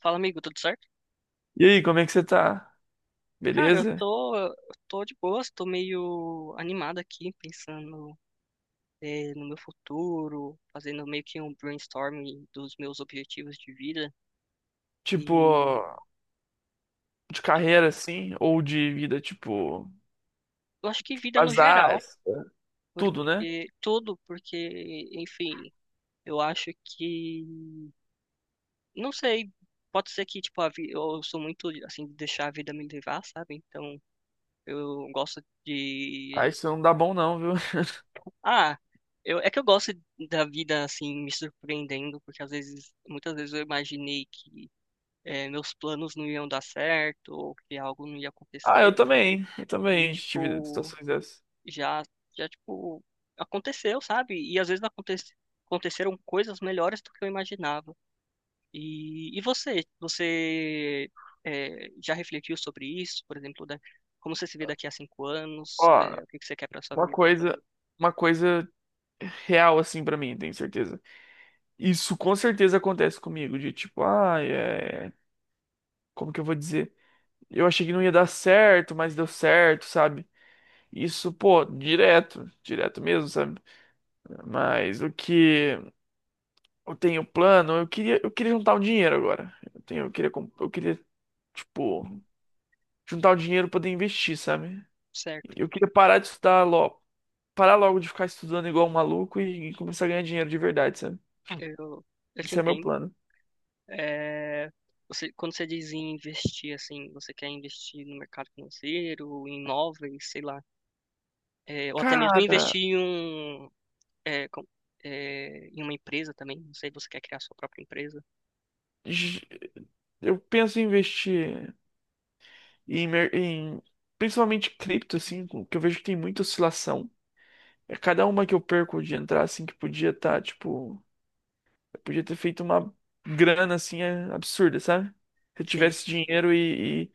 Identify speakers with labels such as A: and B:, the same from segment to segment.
A: Fala, amigo, tudo certo?
B: E aí, como é que você tá?
A: Cara, eu
B: Beleza?
A: tô, eu tô de boas, tô meio animado aqui, pensando, no meu futuro, fazendo meio que um brainstorming dos meus objetivos de vida.
B: Tipo,
A: E
B: de
A: tipo,
B: carreira assim, ou de vida, tipo,
A: eu acho que vida no
B: azar,
A: geral,
B: tudo, né?
A: porque tudo, porque, enfim, eu acho que, não sei, pode ser que, tipo, eu sou muito, assim, de deixar a vida me levar, sabe? Então, eu gosto
B: Ah,
A: de.
B: isso não dá bom não, viu?
A: Ah, é que eu gosto da vida assim me surpreendendo, porque às vezes, muitas vezes eu imaginei que meus planos não iam dar certo ou que algo não ia
B: Ah, eu
A: acontecer
B: também,
A: e
B: tive
A: tipo
B: situações dessas.
A: já já aconteceu, sabe? E às vezes aconteceram coisas melhores do que eu imaginava. E você, você já refletiu sobre isso, por exemplo, como você se vê daqui a 5 anos,
B: Ó,
A: eh, o que que você quer para sua
B: uma
A: vida?
B: coisa, uma coisa real assim pra mim, tenho certeza. Isso com certeza acontece comigo, de tipo, ah, é... Como que eu vou dizer? Eu achei que não ia dar certo, mas deu certo, sabe? Isso, pô, direto, direto mesmo, sabe? Mas o que... Eu tenho plano, eu queria juntar o dinheiro agora. Eu tenho, eu queria, eu queria, tipo, juntar o dinheiro pra poder investir, sabe?
A: Certo?
B: Eu queria parar de estudar logo, parar logo de ficar estudando igual um maluco e começar a ganhar dinheiro de verdade, sabe?
A: Eu eu te
B: Esse é meu
A: entendo.
B: plano.
A: É, você, quando você diz em investir, assim, você quer investir no mercado financeiro, em imóveis, sei lá, é, ou até mesmo
B: Cara,
A: investir em, um, é, é, em uma empresa também, não sei, você quer criar sua própria empresa?
B: j- eu penso em investir em, principalmente cripto, assim, que eu vejo que tem muita oscilação. É cada uma que eu perco de entrar, assim, que podia estar, tipo. Podia ter feito uma grana assim é, absurda, sabe? Se eu
A: Sim,
B: tivesse dinheiro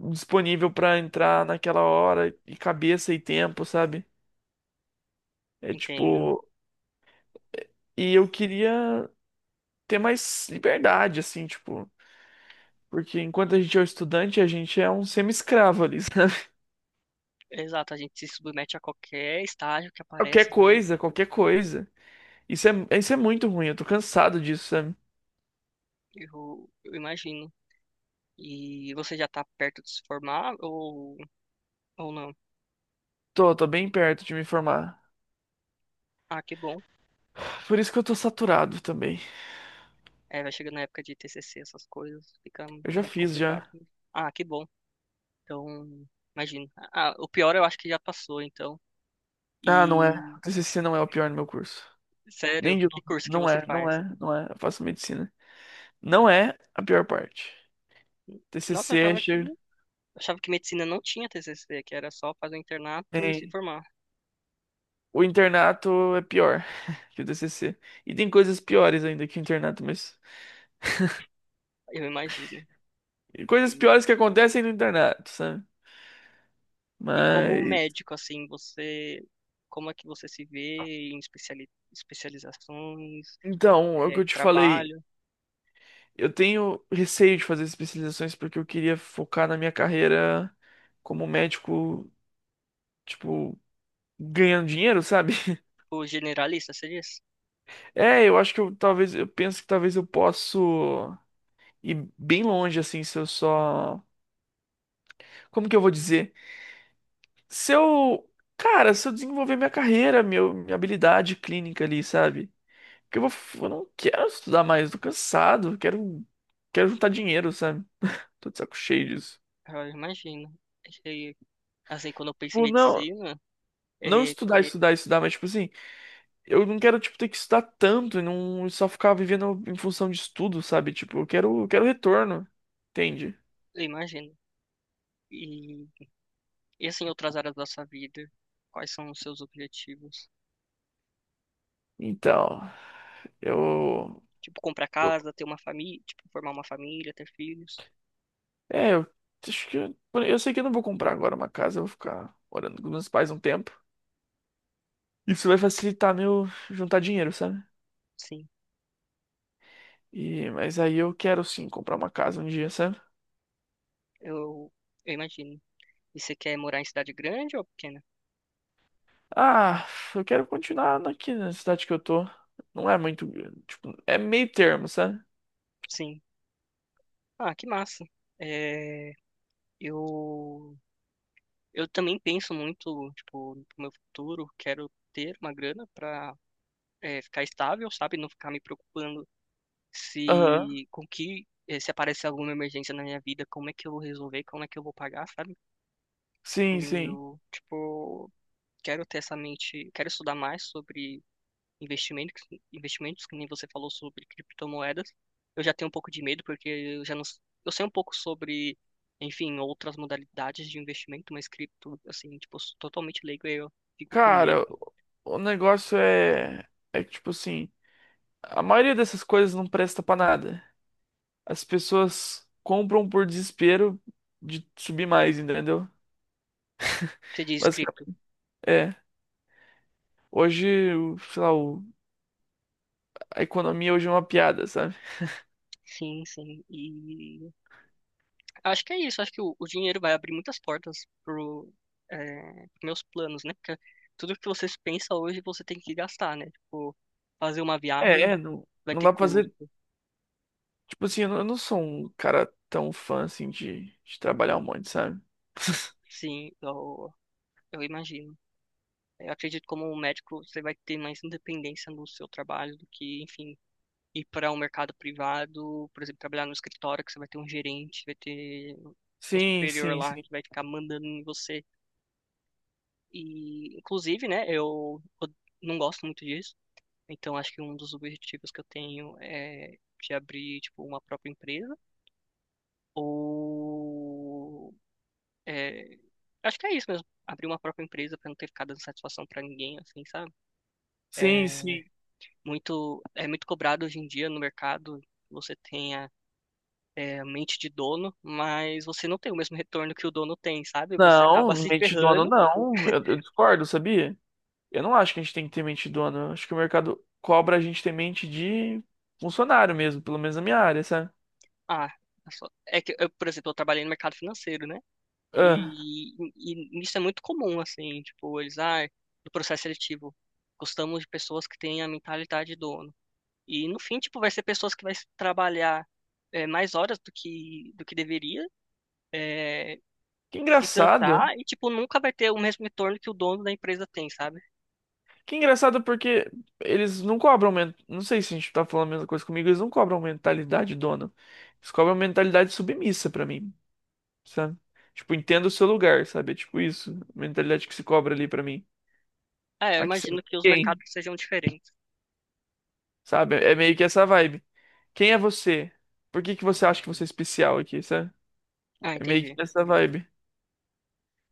B: e disponível pra entrar naquela hora, e cabeça e tempo, sabe? É
A: entendo.
B: tipo. E eu queria ter mais liberdade, assim, tipo. Porque enquanto a gente é um estudante, a gente é um semi-escravo ali, sabe?
A: Exato, a gente se submete a qualquer estágio que
B: Qualquer
A: aparece, assim,
B: coisa, qualquer coisa. Isso é muito ruim, eu tô cansado disso, sabe?
A: eu imagino. E você já tá perto de se formar ou não?
B: Tô, tô bem perto de me formar.
A: Ah, que bom.
B: Por isso que eu tô saturado também.
A: É, vai chegando na época de TCC, essas coisas, fica
B: Eu já
A: muito
B: fiz
A: complicado
B: já.
A: mesmo. Ah, que bom. Então, imagino. Ah, o pior eu acho que já passou, então.
B: Ah, não é.
A: E,
B: O TCC não é o pior no meu curso. Nem
A: sério,
B: de
A: que
B: digo,
A: curso que você faz?
B: não é. Eu faço medicina. Não é a pior parte.
A: Nossa,
B: TCC é cheio.
A: eu achava que medicina não tinha TCC, que era só fazer o internato e se
B: Tem.
A: formar.
B: O internato é pior que o TCC. E tem coisas piores ainda que o internato, mas.
A: Eu imagino.
B: E coisas
A: E,
B: piores que acontecem no internato, sabe?
A: e como
B: Mas.
A: médico, assim, você, como é que você se vê em especializações,
B: Então, é o que
A: eh,
B: eu te falei.
A: trabalho?
B: Eu tenho receio de fazer especializações porque eu queria focar na minha carreira como médico, tipo, ganhando dinheiro, sabe?
A: Tipo, generalista, você diz?
B: É, eu acho que eu talvez. Eu penso que talvez eu possa. E bem longe, assim, se eu só. Como que eu vou dizer? Se eu. Cara, se eu desenvolver minha carreira, minha habilidade clínica ali, sabe? Porque eu vou. Eu não quero estudar mais, tô cansado, quero. Quero juntar dinheiro, sabe? Tô de saco cheio disso.
A: Ah, eu imagino. E, assim, quando eu penso em
B: Tipo, não.
A: medicina,
B: Não
A: eh,
B: estudar, estudar, estudar, mas tipo assim, eu não quero, tipo, ter que estudar tanto e não só ficar vivendo em função de estudo, sabe? Tipo, eu quero retorno, entende?
A: eu imagino. E, e assim, outras áreas da sua vida, quais são os seus objetivos?
B: Então, eu
A: Tipo, comprar
B: tô...
A: casa, ter uma família, tipo, formar uma família, ter filhos?
B: É, eu acho que eu sei que eu não vou comprar agora uma casa, eu vou ficar morando com meus pais um tempo. Isso vai facilitar meu juntar dinheiro, sabe?
A: Sim,
B: E mas aí eu quero sim comprar uma casa um dia, sabe?
A: eu, eu imagino. E você quer morar em cidade grande ou pequena?
B: Ah, eu quero continuar aqui na cidade que eu tô. Não é muito, tipo, é meio termo, sabe?
A: Sim. Ah, que massa. É, eu, eu também penso muito, tipo, no meu futuro, quero ter uma grana pra, é, ficar estável, sabe? Não ficar me preocupando
B: Aham.
A: se, com que, eh, se aparecer alguma emergência na minha vida, como é que eu vou resolver, como é que eu vou pagar, sabe?
B: Sim, sim.
A: Eu, tipo, quero ter essa mente, quero estudar mais sobre investimentos, investimentos, que nem você falou sobre criptomoedas. Eu já tenho um pouco de medo porque eu já não, s- eu sei um pouco sobre, enfim, outras modalidades de investimento, mas cripto, assim, tipo, eu sou totalmente leigo, aí eu fico com
B: Cara,
A: medo.
B: o negócio é que tipo assim, a maioria dessas coisas não presta pra nada. As pessoas compram por desespero de subir mais, entendeu?
A: Você diz
B: Mas
A: cripto?
B: é, hoje, a economia hoje é uma piada, sabe?
A: Sim, sim. E acho que é isso, acho que o dinheiro vai abrir muitas portas pro, é, pros meus planos, né? Porque tudo que você pensa hoje você tem que gastar, né? Tipo, fazer uma
B: É,
A: viagem
B: é, não,
A: vai
B: não
A: ter
B: dá pra fazer.
A: custo,
B: Tipo assim, eu não sou um cara tão fã assim de trabalhar um monte, sabe?
A: sim, eu imagino. Eu acredito que como um médico você vai ter mais independência no seu trabalho do que, enfim, ir para um mercado privado, por exemplo, trabalhar no escritório que você vai ter um gerente, vai ter um
B: Sim,
A: superior
B: sim,
A: lá
B: sim.
A: que vai ficar mandando em você. E, inclusive, né, eu não gosto muito disso. Então, acho que um dos objetivos que eu tenho é de abrir, tipo, uma própria empresa ou... é, acho que é isso mesmo. Abrir uma própria empresa para não ter ficado dando satisfação para ninguém, assim, sabe?
B: Sim,
A: É
B: sim.
A: é muito cobrado hoje em dia no mercado. Você tem a a mente de dono, mas você não tem o mesmo retorno que o dono tem, sabe? Você acaba
B: Não,
A: se
B: mente dono
A: ferrando.
B: não. Eu discordo, sabia? Eu não acho que a gente tem que ter mente dono. Eu acho que o mercado cobra a gente ter mente de funcionário mesmo, pelo menos na minha área, sabe?
A: Ah, é que, eu, por exemplo, eu trabalhei no mercado financeiro, né?
B: Ah,
A: E isso é muito comum, assim, tipo, eles, ah, do processo seletivo, gostamos de pessoas que têm a mentalidade de dono. E no fim, tipo, vai ser pessoas que vai trabalhar é, mais horas do que deveria, é,
B: que
A: se
B: engraçado.
A: cansar e, tipo, nunca vai ter o mesmo retorno que o dono da empresa tem, sabe?
B: Que engraçado porque eles não cobram. Men- não sei se a gente tá falando a mesma coisa comigo, eles não cobram mentalidade dona. Eles cobram mentalidade submissa pra mim, sabe? Tipo, entenda o seu lugar, sabe? É tipo isso. A mentalidade que se cobra ali pra mim.
A: Ah, eu
B: Aqui você não
A: imagino
B: é
A: que os
B: ninguém,
A: mercados sejam diferentes.
B: sabe? É meio que essa vibe. Quem é você? Por que que você acha que você é especial aqui, sabe?
A: Ah,
B: É meio
A: entendi.
B: que essa vibe.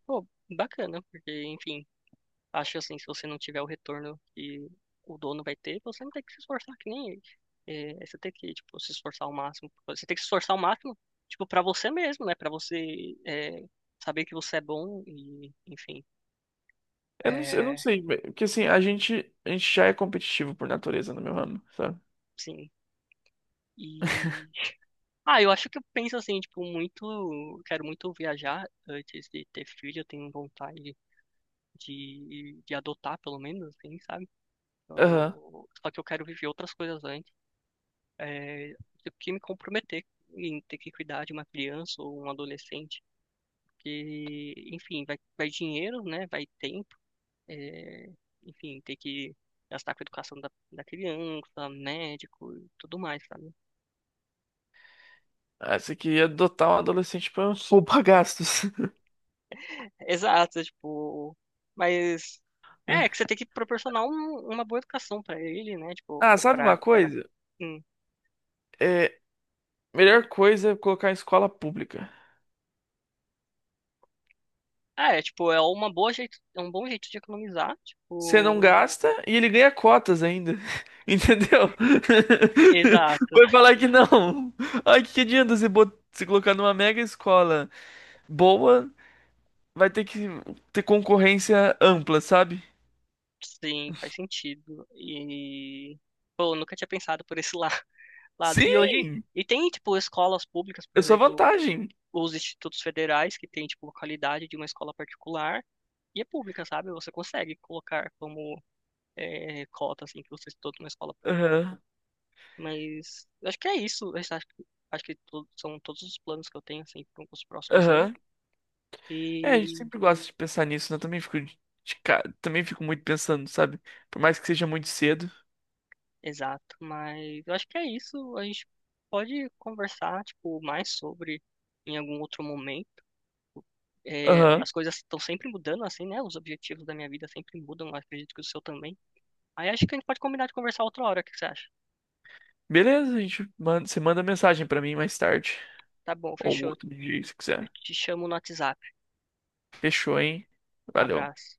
A: Pô, bacana, porque, enfim, acho assim, se você não tiver o retorno que o dono vai ter, você não tem que se esforçar que nem ele. É, você tem que, tipo, se esforçar ao máximo. Você tem que se esforçar ao máximo, tipo, para você mesmo, né? Para você é, saber que você é bom e, enfim,
B: Eu não
A: é,
B: sei, mas- porque assim, a gente já é competitivo por natureza no meu ramo, sabe?
A: sim. E, ah, eu acho que eu penso assim, tipo, muito, quero muito viajar antes de ter filho. Eu tenho vontade de adotar, pelo menos, assim, sabe?
B: Aham.
A: Só que eu quero viver outras coisas antes. É, do que me comprometer em ter que cuidar de uma criança ou um adolescente, porque, enfim, vai, vai dinheiro, né? Vai tempo, é, enfim, ter que gastar com a educação da criança, médico e tudo mais, sabe?
B: Ah, essa aqui ia adotar um adolescente pra poupa gastos.
A: Exato, tipo, mas é que você tem que proporcionar uma boa educação pra ele, né? Tipo,
B: Ah,
A: ou
B: sabe
A: pra,
B: uma
A: pra ela.
B: coisa?
A: Hum.
B: É, melhor coisa é colocar em escola pública.
A: Ah, é, tipo, é uma boa jeito, é um bom jeito de economizar,
B: Você não
A: tipo,
B: gasta e ele ganha cotas ainda. Entendeu?
A: exato.
B: Vai falar que não. Ai, que adianta você se colocar numa mega escola boa, vai ter que ter concorrência ampla, sabe?
A: Sim, faz sentido. E, pô, eu nunca tinha pensado por esse lado. E hoje,
B: Sim!
A: e tem, tipo, escolas públicas, por
B: Eu sou a
A: exemplo,
B: vantagem.
A: os institutos federais, que tem, tipo, a qualidade de uma escola particular, e é pública, sabe? Você consegue colocar como é, cota, assim, que você estudou numa escola pública.
B: Aham,
A: Mas, eu acho que é isso. Eu acho que são todos os planos que eu tenho, assim, para os próximos anos.
B: aham. É, a gente
A: E
B: sempre gosta de pensar nisso, né? Eu também fico também fico muito pensando, sabe? Por mais que seja muito cedo.
A: exato, mas eu acho que é isso. A gente pode conversar, tipo, mais sobre em algum outro momento. É,
B: Aham.
A: as coisas estão sempre mudando, assim, né? Os objetivos da minha vida sempre mudam, eu acredito que o seu também. Aí acho que a gente pode combinar de conversar outra hora, o que que você acha?
B: Beleza, você manda mensagem pra mim mais tarde.
A: Tá bom,
B: Ou
A: fechou.
B: outro dia, se
A: Eu
B: quiser.
A: te chamo no WhatsApp.
B: Fechou, hein? Valeu.
A: Abraço.